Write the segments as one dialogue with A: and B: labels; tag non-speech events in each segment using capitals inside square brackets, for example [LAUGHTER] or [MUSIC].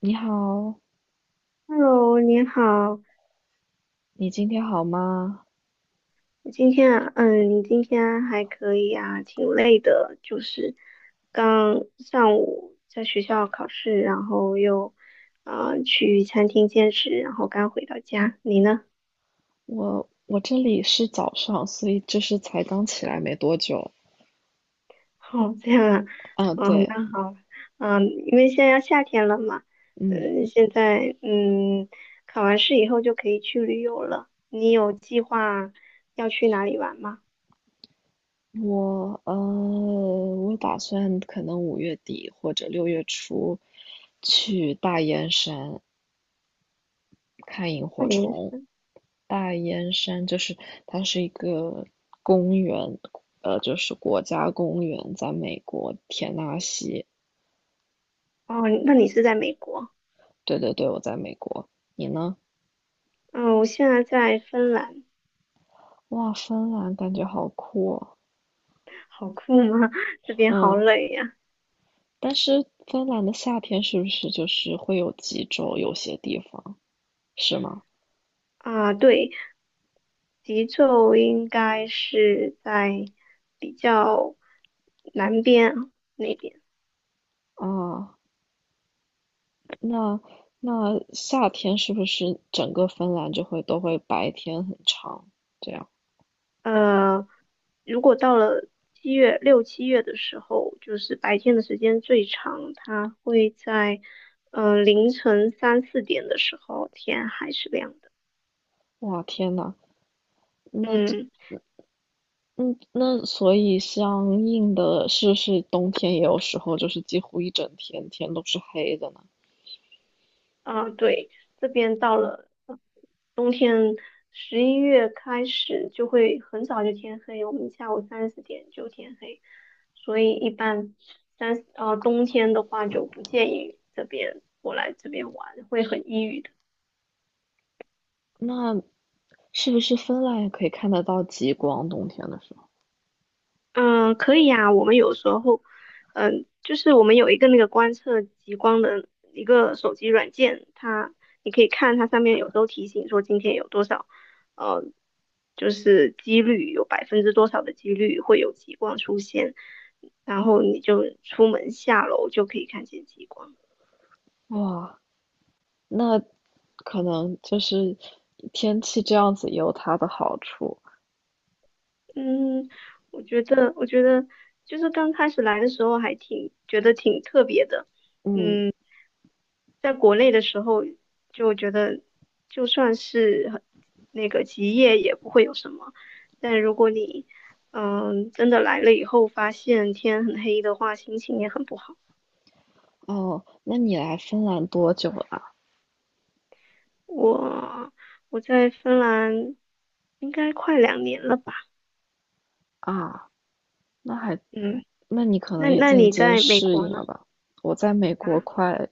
A: 你好，
B: Hello，你好，
A: 你今天好吗？
B: 今天啊你今天还可以啊，挺累的，就是刚上午在学校考试，然后又去餐厅兼职，然后刚回到家。你呢？
A: 我这里是早上，所以就是才刚起来没多久。
B: 哦，这样啊，
A: 啊，
B: 哦，
A: 对，
B: 那好，因为现在要夏天了嘛，
A: 嗯，
B: 现在考完试以后就可以去旅游了。你有计划要去哪里玩吗？
A: 我打算可能5月底或者6月初去大燕山看萤
B: 那
A: 火
B: 你
A: 虫。大燕山就是它是一个公园，就是国家公园，在美国田纳西。
B: 哦，那你是在美国？
A: 对对对，我在美国，你呢？
B: 嗯，我现在在芬兰，
A: 哇，芬兰感觉好酷哦。
B: 好酷吗？[LAUGHS] 这边好
A: 嗯，
B: 冷呀。
A: 但是芬兰的夏天是不是就是会有极昼？有些地方是吗？
B: 啊，对，极昼应该是在比较南边那边。
A: 啊，那那夏天是不是整个芬兰就会都会白天很长？这样，
B: 呃，如果到了六七月的时候，就是白天的时间最长，它会在凌晨三四点的时候，天还是亮的。
A: 哇，天呐，那
B: 嗯。
A: 嗯，那所以相应的是不是冬天也有时候就是几乎一整天天都是黑的呢？
B: 啊，对，这边到了冬天，11月开始就会很早就天黑，我们下午三四点就天黑，所以一般冬天的话就不建议这边过来这边玩，会很抑郁的。
A: 那是不是芬兰也可以看得到极光？冬天的时
B: 嗯，可以呀。我们有时候，就是我们有一个那个观测极光的一个手机软件，它你可以看它上面有时候提醒说今天有多少，呃，就是几率有百分之多少的几率会有极光出现，然后你就出门下楼就可以看见极光。
A: 候，哇。那可能就是天气这样子也有它的好处。
B: 嗯，我觉得就是刚开始来的时候还挺觉得挺特别的。
A: 嗯，
B: 在国内的时候就觉得，就算是很那个极夜也不会有什么，但如果你真的来了以后，发现天很黑的话，心情也很不好。
A: 哦，那你来芬兰多久了啊？
B: 我我在芬兰应该快2年了吧？
A: 啊那还，
B: 嗯，
A: 那你可
B: 那
A: 能也
B: 那
A: 渐
B: 你
A: 渐
B: 在美
A: 适
B: 国
A: 应
B: 呢？
A: 了吧？我在美国
B: 啊
A: 快，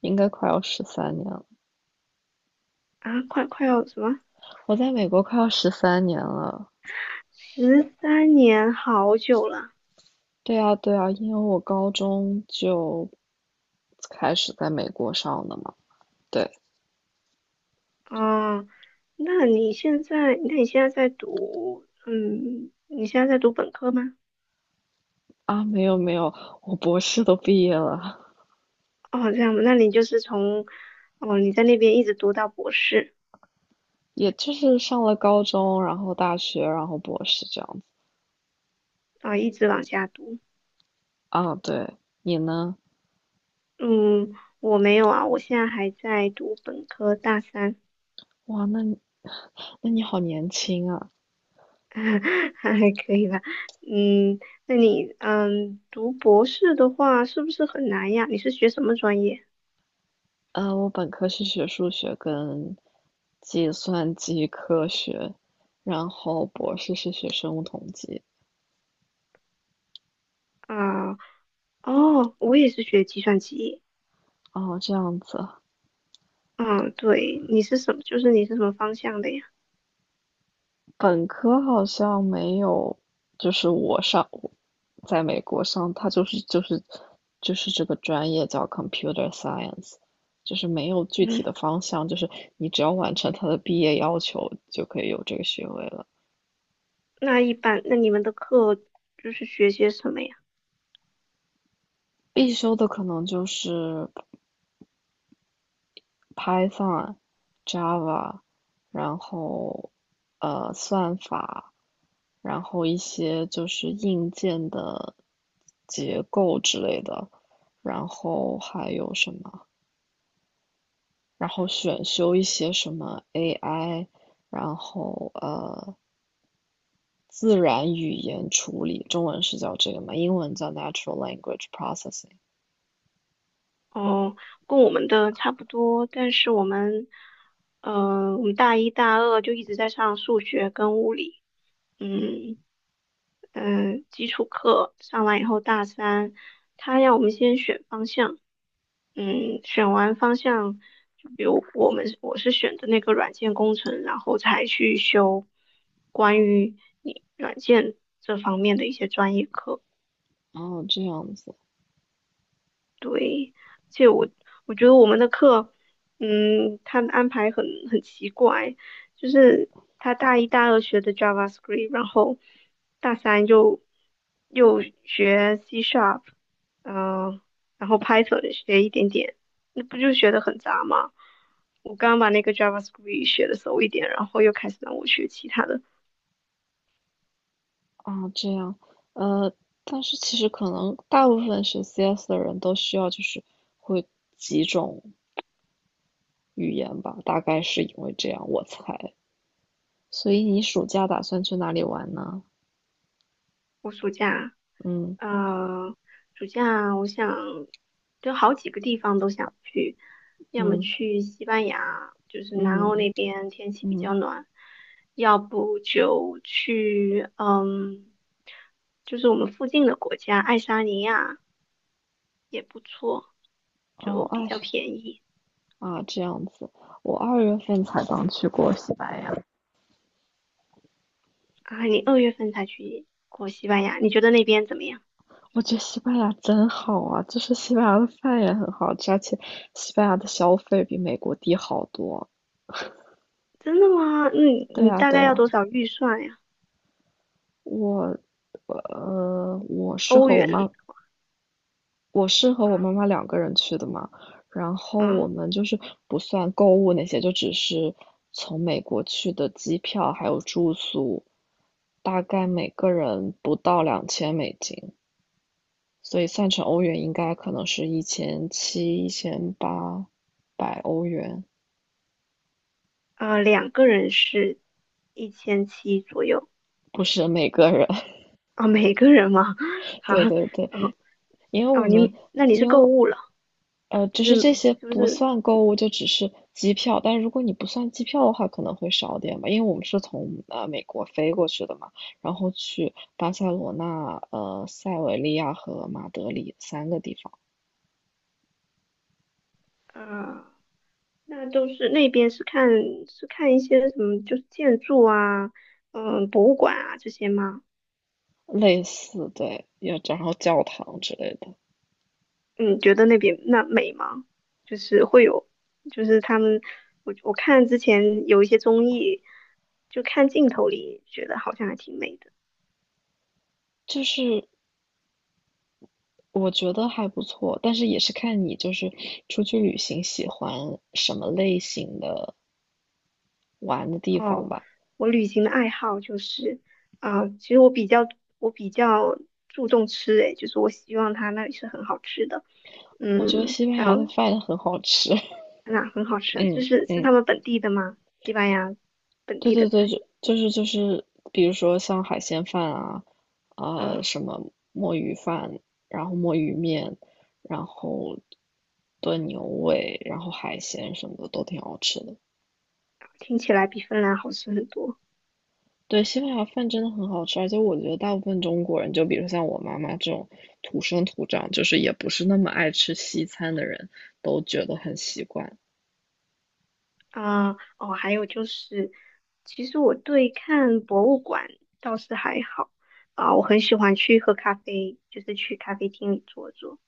A: 应该快要十三年了。
B: 啊，快要什么？
A: 我在美国快要十三年了。
B: 13年，好久了。
A: 对啊，对啊，因为我高中就开始在美国上的嘛。对
B: 哦，那你现在，那你现在在读，嗯，你现在在读本科吗？
A: 啊，没有没有，我博士都毕业了。
B: 哦，这样吧那你就是从，哦，你在那边一直读到博士，
A: 也就是上了高中，然后大学，然后博士这样子
B: 一直往下读。
A: 啊。对，你呢？
B: 嗯，我没有啊，我现在还在读本科大三，
A: 哇，那你 [LAUGHS] 那你好年轻啊。
B: [LAUGHS] 还可以吧。嗯，那你，读博士的话是不是很难呀？你是学什么专业
A: 我本科是学数学跟计算机科学，然后博士是学生物统计。
B: 啊？哦，我也是学计算机。
A: 哦，这样子。
B: 嗯，对，你是什么方向的呀？
A: 本科好像没有，就是我在美国上，它就是这个专业叫 computer science，就是没有具体
B: 嗯，
A: 的方向，就是你只要完成它的毕业要求就可以有这个学位了。
B: 那一般，那你们的课就是学些什么呀？
A: 必修的可能就是 Python、Java，然后算法，然后一些就是硬件的结构之类的，然后还有什么，然后选修一些什么 AI，然后自然语言处理，中文是叫这个嘛，英文叫 Natural Language Processing。
B: 哦，跟我们的差不多，但是我们大一、大二就一直在上数学跟物理，嗯基础课上完以后，大三他让我们先选方向，选完方向，就比如我是选的那个软件工程，然后才去修关于你软件这方面的一些专业课。
A: 哦，这样子
B: 累而且我觉得我们的课，他的安排很奇怪，就是他大一大二学的 JavaScript，然后大三又学 C Sharp，嗯、呃然后 Python 学一点点，那不就学的很杂吗？我刚把那个 JavaScript 学的熟一点，然后又开始让我学其他的。
A: 啊，这样，呃，但是其实可能大部分学 CS 的人都需要就是会几种语言吧，大概是因为这样，我才。所以你暑假打算去哪里玩呢？
B: 我暑假，
A: 嗯
B: 呃，暑假我想就好几个地方都想去，要么
A: 嗯
B: 去西班牙，就是南欧
A: 嗯
B: 那边天气比较
A: 嗯，
B: 暖，要不就去，就是我们附近的国家，爱沙尼亚也不错，就
A: 哦，
B: 比
A: 二
B: 较便宜
A: 啊，这样子，我2月份才刚去过西班牙，
B: 啊。你2月份才去过西班牙，你觉得那边怎么样？
A: 我觉得西班牙真好啊，就是西班牙的饭也很好吃，而且西班牙的消费比美国低好多。
B: 真的吗？嗯，
A: 对
B: 你
A: 啊，
B: 大
A: 对
B: 概要
A: 啊，
B: 多少预算呀？
A: 我，呃，我是
B: 欧
A: 和我
B: 元？
A: 妈我是和我妈妈两个人去的嘛，然后我
B: 啊。
A: 们就是不算购物那些，就只是从美国去的机票还有住宿，大概每个人不到$2000，所以算成欧元应该可能是1700、1800欧元，
B: 两个人是1700左右
A: 不是每个人。[LAUGHS]
B: 啊，每个人吗？[LAUGHS]
A: 对
B: 啊，
A: 对对，
B: 哦
A: 因为我
B: 哦，
A: 们
B: 那你是
A: 因
B: 购
A: 为
B: 物了，
A: 呃，只
B: 就
A: 是
B: 是
A: 这些
B: 就
A: 不
B: 是？
A: 算购物，就只是机票。但如果你不算机票的话，可能会少点吧，因为我们是从美国飞过去的嘛，然后去巴塞罗那、塞维利亚和马德里三个地方，
B: 呃，那边是看一些什么，就是建筑啊，嗯，博物馆啊这些吗？
A: 类似对，要然后教堂之类的，
B: 嗯，觉得那边那美吗？就是会有，就是他们，我看之前有一些综艺，就看镜头里觉得好像还挺美的。
A: 就是我觉得还不错，但是也是看你就是出去旅行喜欢什么类型的玩的地方
B: 哦，
A: 吧。
B: 我旅行的爱好就是，其实我比较注重吃，诶，就是我希望他那里是很好吃的，
A: 我觉得
B: 嗯，
A: 西班
B: 还
A: 牙的
B: 有
A: 饭很好吃。
B: 哪很好吃啊？就
A: 嗯
B: 是是
A: 嗯，
B: 他们本地的吗？西班牙本
A: 对
B: 地的
A: 对对，
B: 菜，
A: 就是，比如说像海鲜饭啊，
B: 啊、
A: 什么墨鱼饭，然后墨鱼面，然后炖牛尾，然后海鲜什么的都挺好吃的。
B: 听起来比芬兰好吃很多，
A: 对，西班牙饭真的很好吃，而且我觉得大部分中国人，就比如像我妈妈这种土生土长，就是也不是那么爱吃西餐的人，都觉得很习惯。
B: 哦，还有就是，其实我对看博物馆倒是还好，我很喜欢去喝咖啡，就是去咖啡厅里坐坐。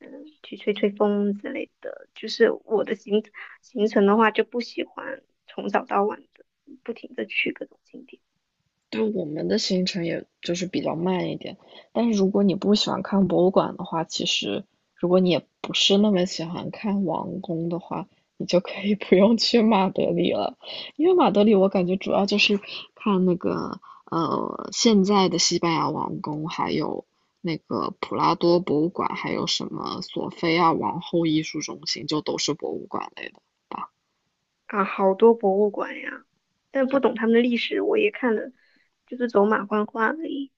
B: 去吹吹风之类的。就是我的行程的话，就不喜欢从早到晚的不停的去各种景点
A: 对我们的行程也就是比较慢一点，但是如果你不喜欢看博物馆的话，其实如果你也不是那么喜欢看王宫的话，你就可以 [LAUGHS] 不用去马德里了，因为马德里我感觉主要就是看那个现在的西班牙王宫，还有那个普拉多博物馆，还有什么索菲亚王后艺术中心，就都是博物馆类的。
B: 啊，好多博物馆呀，但不懂他们的历史，我也看了，就是走马观花而已。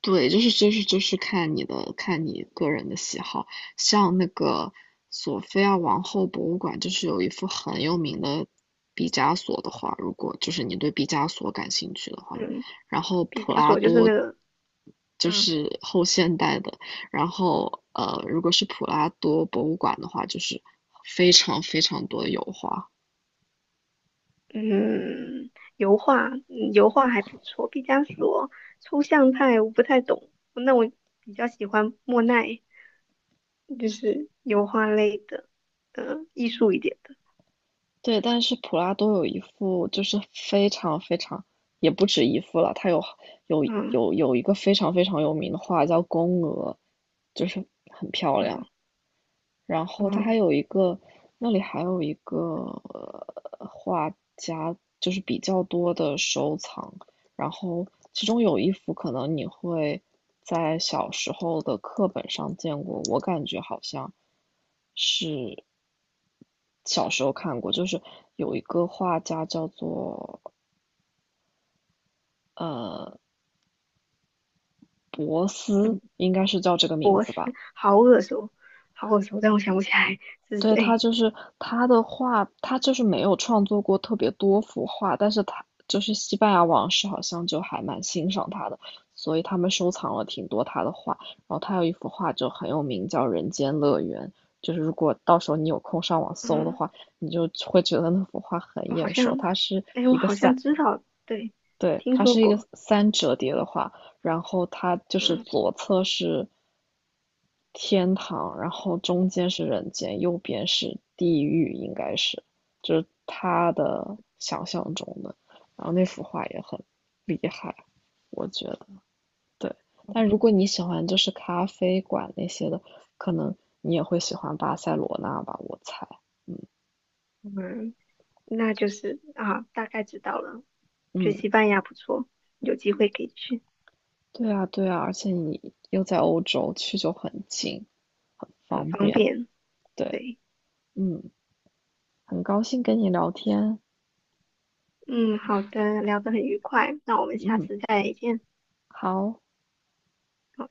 A: 对，就是看你个人的喜好，像那个索菲亚王后博物馆，就是有一幅很有名的毕加索的画，如果就是你对毕加索感兴趣的话，
B: 嗯，
A: 然后
B: 毕
A: 普
B: 加
A: 拉
B: 索就是那
A: 多
B: 个，
A: 就
B: 嗯
A: 是后现代的，然后如果是普拉多博物馆的话，就是非常非常多的油画。
B: 嗯，油画，嗯油画还不错。毕加索抽象派我不太懂，那我比较喜欢莫奈，就是油画类的，艺术一点的。
A: 对，但是普拉多有一幅，就是非常非常，也不止一幅了，他有有
B: 嗯
A: 有有一个非常非常有名的画叫《宫娥》，就是很漂
B: 嗯。
A: 亮。
B: 啊
A: 然后它还
B: 嗯
A: 有一个，那里还有一个、呃、画家，就是比较多的收藏。然后其中有一幅可能你会在小时候的课本上见过，我感觉好像是小时候看过，就是有一个画家叫做呃博斯，
B: 嗯，
A: 应该是叫这个名
B: 博
A: 字吧。
B: 士，好耳熟，好耳熟，但我想不起来是
A: 对，他
B: 谁。
A: 就是他的画，他就是没有创作过特别多幅画，但是他就是西班牙王室好像就还蛮欣赏他的，所以他们收藏了挺多他的画。然后他有一幅画就很有名，叫《人间乐园》，就是如果到时候你有空上网搜的
B: 嗯，
A: 话，你就会觉得那幅画很
B: 我好
A: 眼熟。
B: 像，
A: 它是
B: 我
A: 一个
B: 好
A: 三
B: 像知道，对，
A: 对，
B: 听
A: 它
B: 说
A: 是一个
B: 过。
A: 三折叠的画，然后它就是
B: 嗯
A: 左侧是天堂，然后中间是人间，右边是地狱，应该是，就是他的想象中的。然后那幅画也很厉害，我觉得。对，但如果你喜欢就是咖啡馆那些的，可能你也会喜欢巴塞罗那吧，我猜。嗯
B: 嗯，那就是啊，大概知道了。觉
A: 嗯。
B: 得西班牙不错，有机会可以去，
A: 对啊，对啊，而且你又在欧洲，去就很近，很
B: 很
A: 方
B: 方
A: 便。
B: 便。
A: 对，
B: 对，
A: 嗯，很高兴跟你聊天。
B: 嗯，好的，聊得很愉快，那我们下
A: 嗯，
B: 次再见。
A: 好。
B: 好的。